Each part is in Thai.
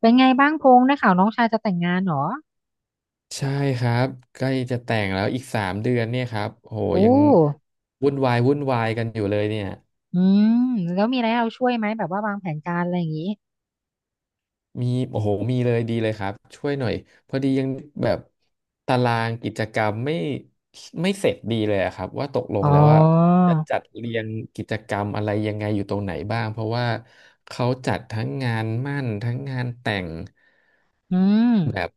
เป็นไงบ้างพงษ์ได้ข่าวน้องชายจะแต่งงานเหรอใช่ครับใกล้จะแต่งแล้วอีก3 เดือนเนี่ยครับโอ้โหโอ้ยังวุ่นวายวุ่นวายกันอยู่เลยเนี่ยอืมแล้วมีอะไรให้เราช่วยไหมแบบว่าวางแผนการอะไรอย่างนี้มีโอ้โหมีเลยดีเลยครับช่วยหน่อยพอดียังแบบตารางกิจกรรมไม่เสร็จดีเลยอะครับว่าตกลงอ๋อแล้วว่าจะจัดเรียงกิจกรรมอะไรยังไงอยู่ตรงไหนบ้างเพราะว่าเขาจัดทั้งงานมั่นทั้งงานแต่งอืมแบบ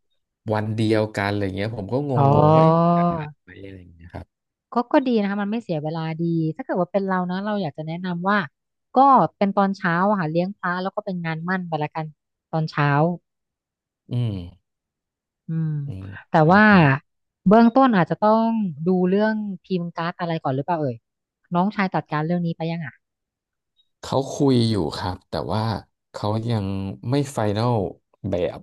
วันเดียวกันอะไรเงี้ยผมก็งอ๋งๆว่าเอ๊ะอจะทันไหมอะไรอย่างเงี้ยครับก็ดีนะคะมันไม่เสียเวลาดีถ้าเกิดว่าเป็นเรานะเราอยากจะแนะนำว่าก็เป็นตอนเช้าอะค่ะเลี้ยงพระแล้วก็เป็นงานหมั่นไปละกันตอนเช้าอืมอืมอืมแต่เออว่าพระ เบื้องต้นอาจจะต้องดูเรื่องพิมพ์การ์ดอะไรก่อนหรือเปล่าเอ่ยน้องชายจัดการเรื่องนี้ไปยังอ่ะเขาคุยอยู่ครับแต่ว่าเขายังไม่ไฟแนลแบบ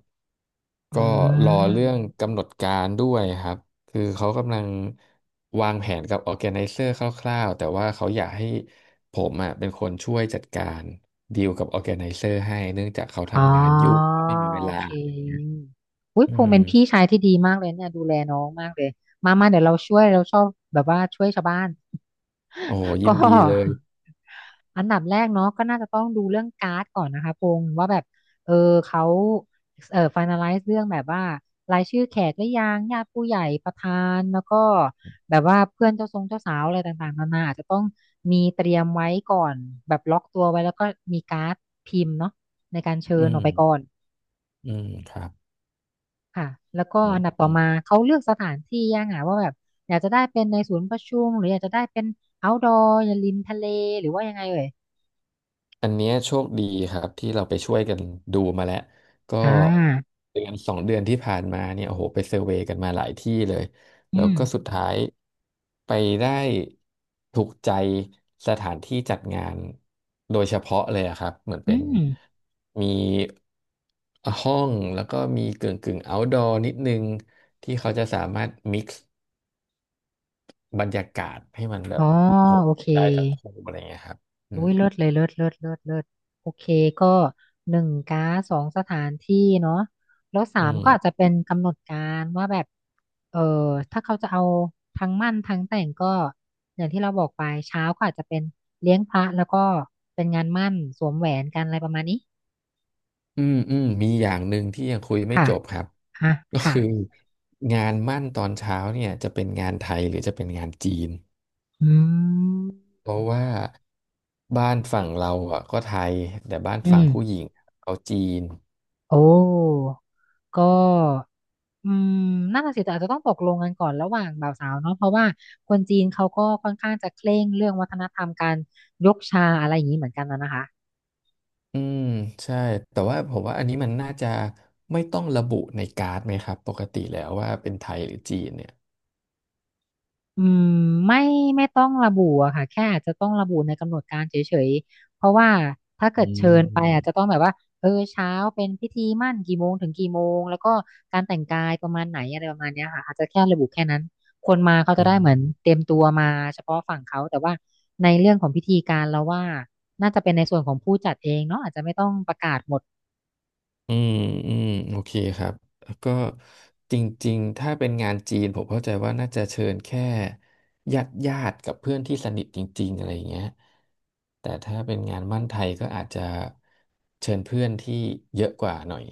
อืก็รอเรื่องม กำหนดการด้วยครับคือเขากำลังวางแผนกับออร์แกไนเซอร์คร่าวๆแต่ว่าเขาอยากให้ผมอ่ะเป็นคนช่วยจัดการดีลกับออร์แกไนเซอร์ให้เนื่องจากเขาอ๋อทำงานยุ่งไม่มีเวโอลาเคอุ้ยอืพงษ์มเป็นพี่ชายที่ดีมากเลยเนี่ยดูแลน้องมากเลยมามาเดี๋ยวเราช่วยเราชอบแบบว่าช่วยชาวบ้าน โอ้โหยิก็นดีเลยอันดับแรกเนาะก็น่าจะต้องดูเรื่องการ์ดก่อนนะคะพงษ์ว่าแบบเออเขาเออ finalize เรื่องแบบว่ารายชื่อแขกหรือยังญาติผู้ใหญ่ประธานแล้วก็แบบว่าเพื่อนเจ้าทรงเจ้าสาวอะไรต่างๆนานาอาจจะต้องมีเตรียมไว้ก่อนแบบล็อกตัวไว้แล้วก็มีการ์ดพิมพ์เนาะในการเชิอืญออกมไปก่อนอืมครับค่ะแล้วก็อืมอันดับต่ออืม มาเขาเลือกสถานที่ยังอ่ะว่าแบบอยากจะได้เป็นในศูนย์ประชุมหรืออยากจะได้เป็น outdoor อย่าริมทะเลหรือว่ายังไงเอ่ย อันเนี้ยโชคดีครับที่เราไปช่วยกันดูมาแล้วก็อ่าเดือนสองเดือนที่ผ่านมาเนี่ยโอ้โหไปเซอร์เวย์กันมาหลายที่เลยแล้อืวม ก็สุดท้ายไปได้ถูกใจสถานที่จัดงานโดยเฉพาะเลยอะครับเหมือนอืเป็นมมีห้องแล้วก็มีกึ่งกึ่ง outdoor นิดนึงที่เขาจะสามารถ mix บรรยากาศให้มันแบอ๋อบโอ้โหโอเคได้ทั้งคู่อะไรเงี้ยครับอือุ้มยเลิศเลยเลิศเลิศเลิศเลิศโอเคก็หนึ่งก๊าซสองสถานที่เนาะแล้วสาอืมม ก็อาจจะเป็นกำหนดการว่าแบบเออถ้าเขาจะเอาทั้งมั่นทั้งแต่งก็อย่างที่เราบอกไปเช้าก็อาจจะเป็นเลี้ยงพระแล้วก็เป็นงานมั่นสวมแหวนกันอะไรประมาณนี้อืมอืมมีอย่างหนึ่งที่ยังคุยไม่ค่ะจบครับ อ่ะ ก็ค่ะคืองานมั่นตอนเช้าเนี่ยจะเป็นงานไทยหรือจะเป็นงานจีนอืมเพราะว่าบ้านฝั่งเราอ่ะก็ไทยแต่บ้านอืฝั่งม ผู้หญิงเขาจีนโอ้ ก็อืมน่นนะสิแต่อาจจะต้องตกลงกันก่อนระหว่างบ่าวสาวเนาะเพราะว่าคนจีนเขาก็ค่อนข้างจะเคร่งเรื่องวัฒนธรรมการยกชาอะไรอย่างนี้เหมือนกันนะนะคะ อืมใช่แต่ว่าผมว่าอันนี้มันน่าจะไม่ต้องระบุในการ์ดไหมครับปกติแล้วว่าเป็นไทยหรือจีนเนี่ยอืมไม่ไม่ต้องระบุอะค่ะแค่อาจจะต้องระบุในกำหนดการเฉยๆเพราะว่าถ้าเกิอืดเชิญไปอาจมจะต้องแบบว่าเออเช้าเป็นพิธีหมั้นกี่โมงถึงกี่โมงแล้วก็การแต่งกายประมาณไหนอะไรประมาณเนี้ยค่ะอาจจะแค่ระบุแค่นั้นคนมาเขาจะอืได้ม เหมือนเตรียมตัวมาเฉพาะฝั่งเขาแต่ว่าในเรื่องของพิธีการเราว่าน่าจะเป็นในส่วนของผู้จัดเองเนาะอาจจะไม่ต้องประกาศหมด อืมอืมโอเคครับแล้วก็จริงๆถ้าเป็นงานจีนผมเข้าใจว่าน่าจะเชิญแค่ญาติญาติกับเพื่อนที่สนิทจริงๆอะไรอย่างเงี้ยแต่ถ้าเป็นงานมั่นไทยก็อาจจะเชิญเพื่อนที่เยอะกว่าหน่อย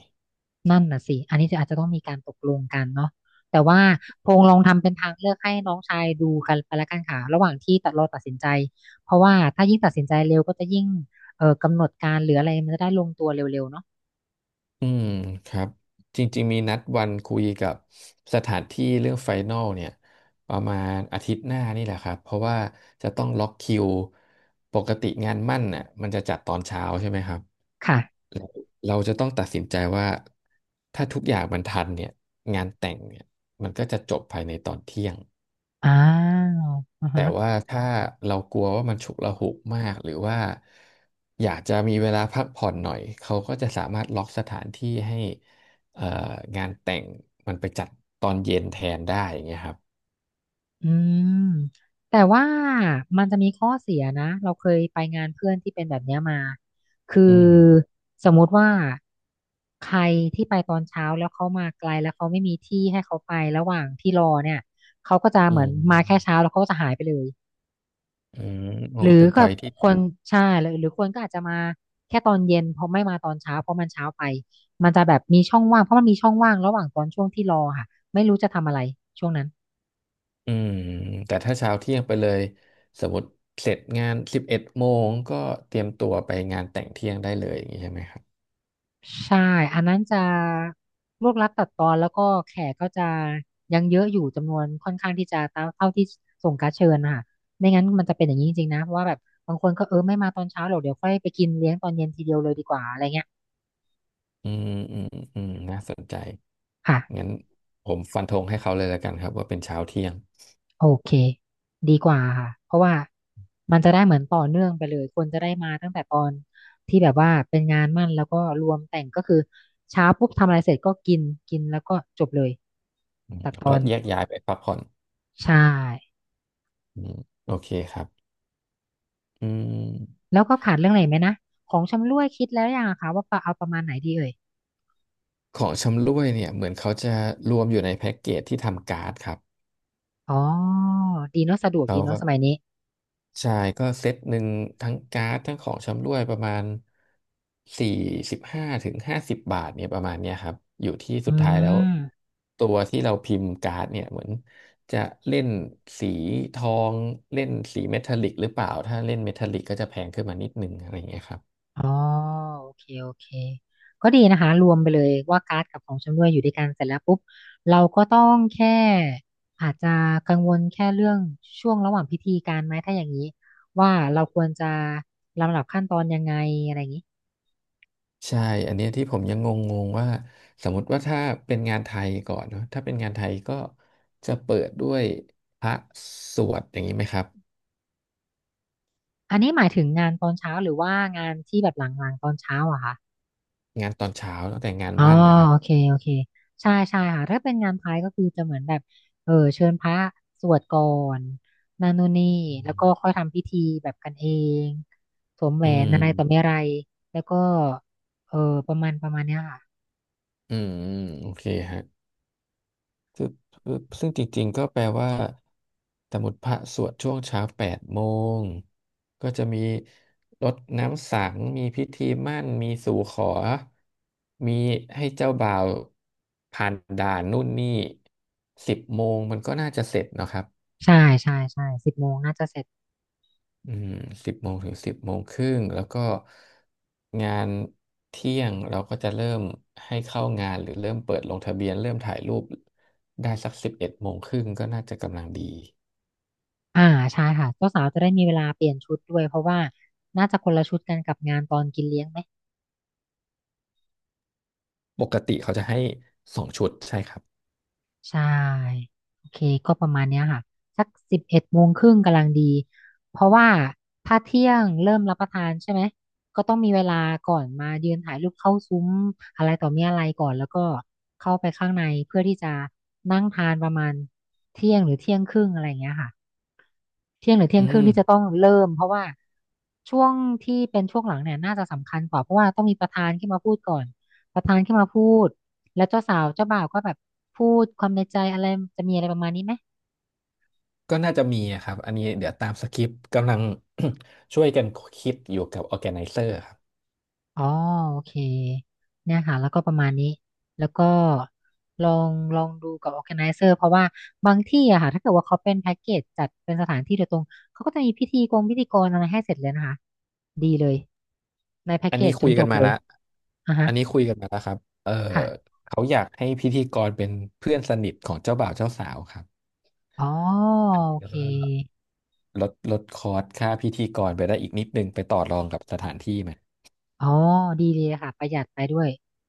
นั่นน่ะสิ อันนี้จะอาจจะต้องมีการตกลงกันเนาะแต่ว่าพงลองทำเป็นทางเลือกให้น้องชายดูกันไปละกันค่ะระหว่างที่เราตัดสินใจ เพราะว่าถ้ายิ่งตัดสินใจเร็วก็จะยิ่งกำหนดการหรืออะไรมันจะได้ลงตัวเร็วๆเนาะอืมครับจริงๆมีนัดวันคุยกับสถานที่เรื่องไฟนอลเนี่ยประมาณอาทิตย์หน้านี่แหละครับเพราะว่าจะต้องล็อกคิวปกติงานมั่นน่ะมันจะจัดตอนเช้าใช่ไหมครับ ค่ะเราเราจะต้องตัดสินใจว่าถ้าทุกอย่างมันทันเนี่ยงานแต่งเนี่ยมันก็จะจบภายในตอนเที่ยงอ้าวอือแต่ฮะ ว่าถ้าเรากลัวว่ามันฉุกละหุกมากหรือว่าอยากจะมีเวลาพักผ่อนหน่อยเขาก็จะสามารถล็อกสถานที่ให้เอ่องานแต่งมันไปจัดตอนเย็นแทนได้อย่างเงี้ยครับอืมแต่ว่ามันจะมีข้อเสียนะเราเคยไปงานเพื่อนที่เป็นแบบเนี้ยมาคืออืมสมมุติว่าใครที่ไปตอนเช้าแล้วเขามาไกลแล้วเขาไม่มีที่ให้เขาไประหว่างที่รอเนี่ยเขาก็จะอืเหมือนมาแค่เช้ามแล้วเขาก็จะหายไปเลยอืมโอ้หรือเป็นพก็อยที่ คนใช่หรือคนก็อาจจะมาแค่ตอนเย็นเพราะไม่มาตอนเช้าเพราะมันเช้าไปมันจะแบบมีช่องว่างเพราะมันมีช่องว่างระหว่างตอนช่วงที่รอค่ะไม่รู้จะทำอะไรช่วงนั้น อืมแต่ถ้าเช้าเที่ยงไปเลยสมมติเสร็จงานสิบเอ็ดโมงก็เตรียมตัวไปงานแต่งเที่ยงได้เลยอย่างนี้ใช่ไหมครับใช่อันนั้นจะรวบรัดตัดตอนแล้วก็แขกก็จะยังเยอะอยู่จำนวนค่อนข้างที่จะเท่าเท่าที่ส่งการ์ดเชิญนะคะไม่งั้นมันจะเป็นอย่างนี้จริงๆนะเพราะว่าแบบบางคนก็เออไม่มาตอนเช้าหรอกเดี๋ยวค่อยไปกินเลี้ยงตอนเย็นทีเดียวเลยดีกว่าอะไรเงี้ยอืมอืมอืมน่าสนใจค่ะงั้นผมฟันธงให้เขาเลยแล้วกันครับว่าเป็นเช้าเที่ยงโอเคดีกว่าค่ะเพราะว่ามันจะได้เหมือนต่อเนื่องไปเลยคนจะได้มาตั้งแต่ตอนที่แบบว่าเป็นงานมั่นแล้วก็รวมแต่งก็คือเช้าปุ๊บทำอะไรเสร็จก็กินกินแล้วก็จบเลยอืมตัดแล้ตวอก็นแยกย้ายไปพักผ่อนใช่ อืมโอเคครับอืมแล้วก็ขาดเรื่องอะไรไหมนะของชำร่วยคิดแล้วยังอะคะว่าปะเอาประมาณไหนดีเอ่ยของชำร่วยเนี่ยเหมือนเขาจะรวมอยู่ในแพ็กเกจที่ทำการ์ดครับอ๋อดีเนอะสะดวกเขาดีเนอะก็ สมัยนี้ใช่ก็เซตหนึ่งทั้งการ์ดทั้งของชำร่วยประมาณ45-50 บาทเนี่ยประมาณเนี้ยครับอยู่ที่สุดอืท้ายแล้วมตัวที่เราพิมพ์การ์ดเนี่ยเหมือนจะเล่นสีทองเล่นสีเมทัลลิกหรือเปล่าถ้าเล่นเมทัลลิกก็จะแพงขึ้นมานิดนึงอะไรอย่างเงี้ยครับอ๋อโอเคโอเคก็ดีนะคะรวมไปเลยว่าการ์ดกับของชำร่วยอยู่ด้วยกันเสร็จแล้วปุ๊บเราก็ต้องแค่อาจจะกังวลแค่เรื่องช่วงระหว่างพิธีการไหมถ้าอย่างนี้ว่าเราควรจะลำดับขั้นตอนยังไงอะไรอย่างนี้ใช่อันเนี้ยที่ผมยังงงๆว่าสมมติว่าถ้าเป็นงานไทยก่อนเนาะถ้าเป็นงานไทยก็จะเปิดด้วยพระสวดอย่างนี้ไหมครับอันนี้หมายถึงงานตอนเช้าหรือว่างานที่แบบหลังๆตอนเช้าอะคะ งานตอนเช้าตั้งแต่งานอ๋อมั่นนะครับ โอเคโอเคใช่ใช่ค่ะถ้าเป็นงานพายก็คือจะเหมือนแบบเชิญพระสวดก่อนนานุนนี่แล้วก็ค่อยทำพิธีแบบกันเองสวมแหวอืนมอะไรต่อไม่อะไรแล้วก็เออประมาณเนี้ยค่ะอืมอืมโอเคฮะซึ่งซึ่งจริงๆ ก็แปลว่าสมมติพระสวดช่วงเช้า8 โมง ก็จะมีรดน้ำสัง มีพิธีหมั้นมีสู่ขอ มีให้เจ้าบ่าวผ่านด่านนู่นนี่สิบโมงมันก็น่าจะเสร็จเนอะครับ ใช่ใช่ใช่10 โมงน่าจะเสร็จอืม10-10 โมงครึ่งแล้วก็งานเที่ยงเราก็จะเริ่มให้เข้างานหรือเริ่มเปิดลงทะเบียนเริ่มถ่ายรูปได้สัก11 โมงครึ่งก็น่าจะกำลังดีอ่าใช่ค่ะเจ้าสาวจะได้มีเวลาเปลี่ยนชุดด้วยเพราะว่าน่าจะคนละชุดกันกับงานตอนกินเลี้ยงไหม ปกติเขาจะให้2 ชุดใช่ครับใช่โอเคก็ประมาณเนี้ยค่ะสัก11 โมงครึ่งกำลังดีเพราะว่าถ้าเที่ยงเริ่มรับประทานใช่ไหมก็ต้องมีเวลาก่อนมายืนถ่ายรูปเข้าซุ้มอะไรต่อมีอะไรก่อนแล้วก็เข้าไปข้างในเพื่อที่จะนั่งทานประมาณเที่ยงหรือเที่ยงครึ่งอะไรอย่างเงี้ยค่ะ เที่ยงหรือเที่ยอืงครึ่งมที่จะต้องเริ่มเพราะว่าช่วงที่เป็นช่วงหลังเนี่ยน่าจะสำคัญกว่าเพราะว่าต้องมีประธานขึ้นมาพูดก่อนประธานขึ้นมาพูดแล้วเจ้าสาวเจ้าบ่าวก็แบบพูดความในใจอะไรจะมีอะไรประมาณนี้ไหมก็น่าจะมีอะครับอันนี้เดี๋ยวตามสคริปต์กำลัง ช่วยกันคิดอยู่กับ Organizer ครับอ๋อโอเคเนี่ยค่ะแล้วก็ประมาณนี้แล้วก็ลองดูกับ organizer เพราะว่าบางที่อะค่ะถ้าเกิดว่าเขาเป็นแพ็กเกจจัดเป็นสถานที่โดยตรงเขาก็จะมีพิธีกรอะไรให้เสร็จเลยนะคะดีเลยในแพ็กอันเกนี้จจคุยนจกันบมาเลยแล้วอ่ะฮะอันนี้คุยกันมาแล้วครับเออค่ะ เขาอยากให้พิธีกรเป็นเพื่อนสนิทของเจ้าบ่าวเจ้าสาวครับอ๋ออันโอนี้ก็ เคลดคอร์สค่าพิธีกรไปได้อีกนิดนึงไปต่อรองกับสถานที่ไหม อ๋อดีเลยค่ะประหยัดไปด้วย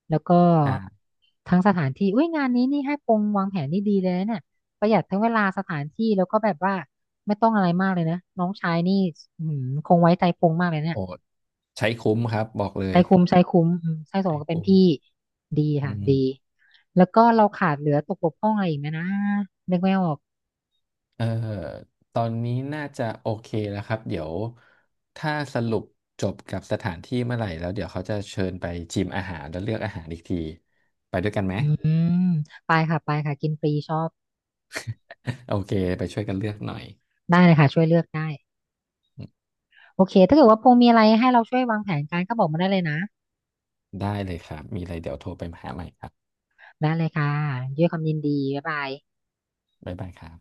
แล้วก็ใช่ทั้งสถานที่อุ้ยงานนี้นี่ให้ปงวางแผนนี่ดีเลยนะเนี่ยประหยัดทั้งเวลาสถานที่แล้วก็แบบว่าไม่ต้องอะไรมากเลยนะน้องชายนี่อืมคงไว้ใจปงมากเลยเนี่ยโอ้ใช้คุ้มครับบอกเลใจยคุ้มใจคุ้มอืมใจสมไอ้ก็เป็นคุ้มพี่ดีอืค่ะมดีแล้วก็เราขาดเหลือตกบกพร่องอะไรอีกไหมนะนึกไม่ออกเออตอนนี้น่าจะโอเคแล้วครับเดี๋ยวถ้าสรุปจบกับสถานที่เมื่อไหร่แล้วเดี๋ยวเขาจะเชิญไปชิมอาหารแล้วเลือกอาหารอีกที ไปด้วยกันไหม อืมไปค่ะไปค่ะกินฟรีชอบ โอเคไปช่วยกันเลือกหน่อย ได้เลยค่ะช่วยเลือกได้ โอเคถ้าเกิดว่าพงมีอะไรให้เราช่วยวางแผนการก็บอกมาได้เลยนะได้เลยครับ มีอะไรเดี๋ยวโทรไปหาใหม่ครับได้เลยค่ะด้วยความยินดี บ๊ายบายบ๊ายบายครับ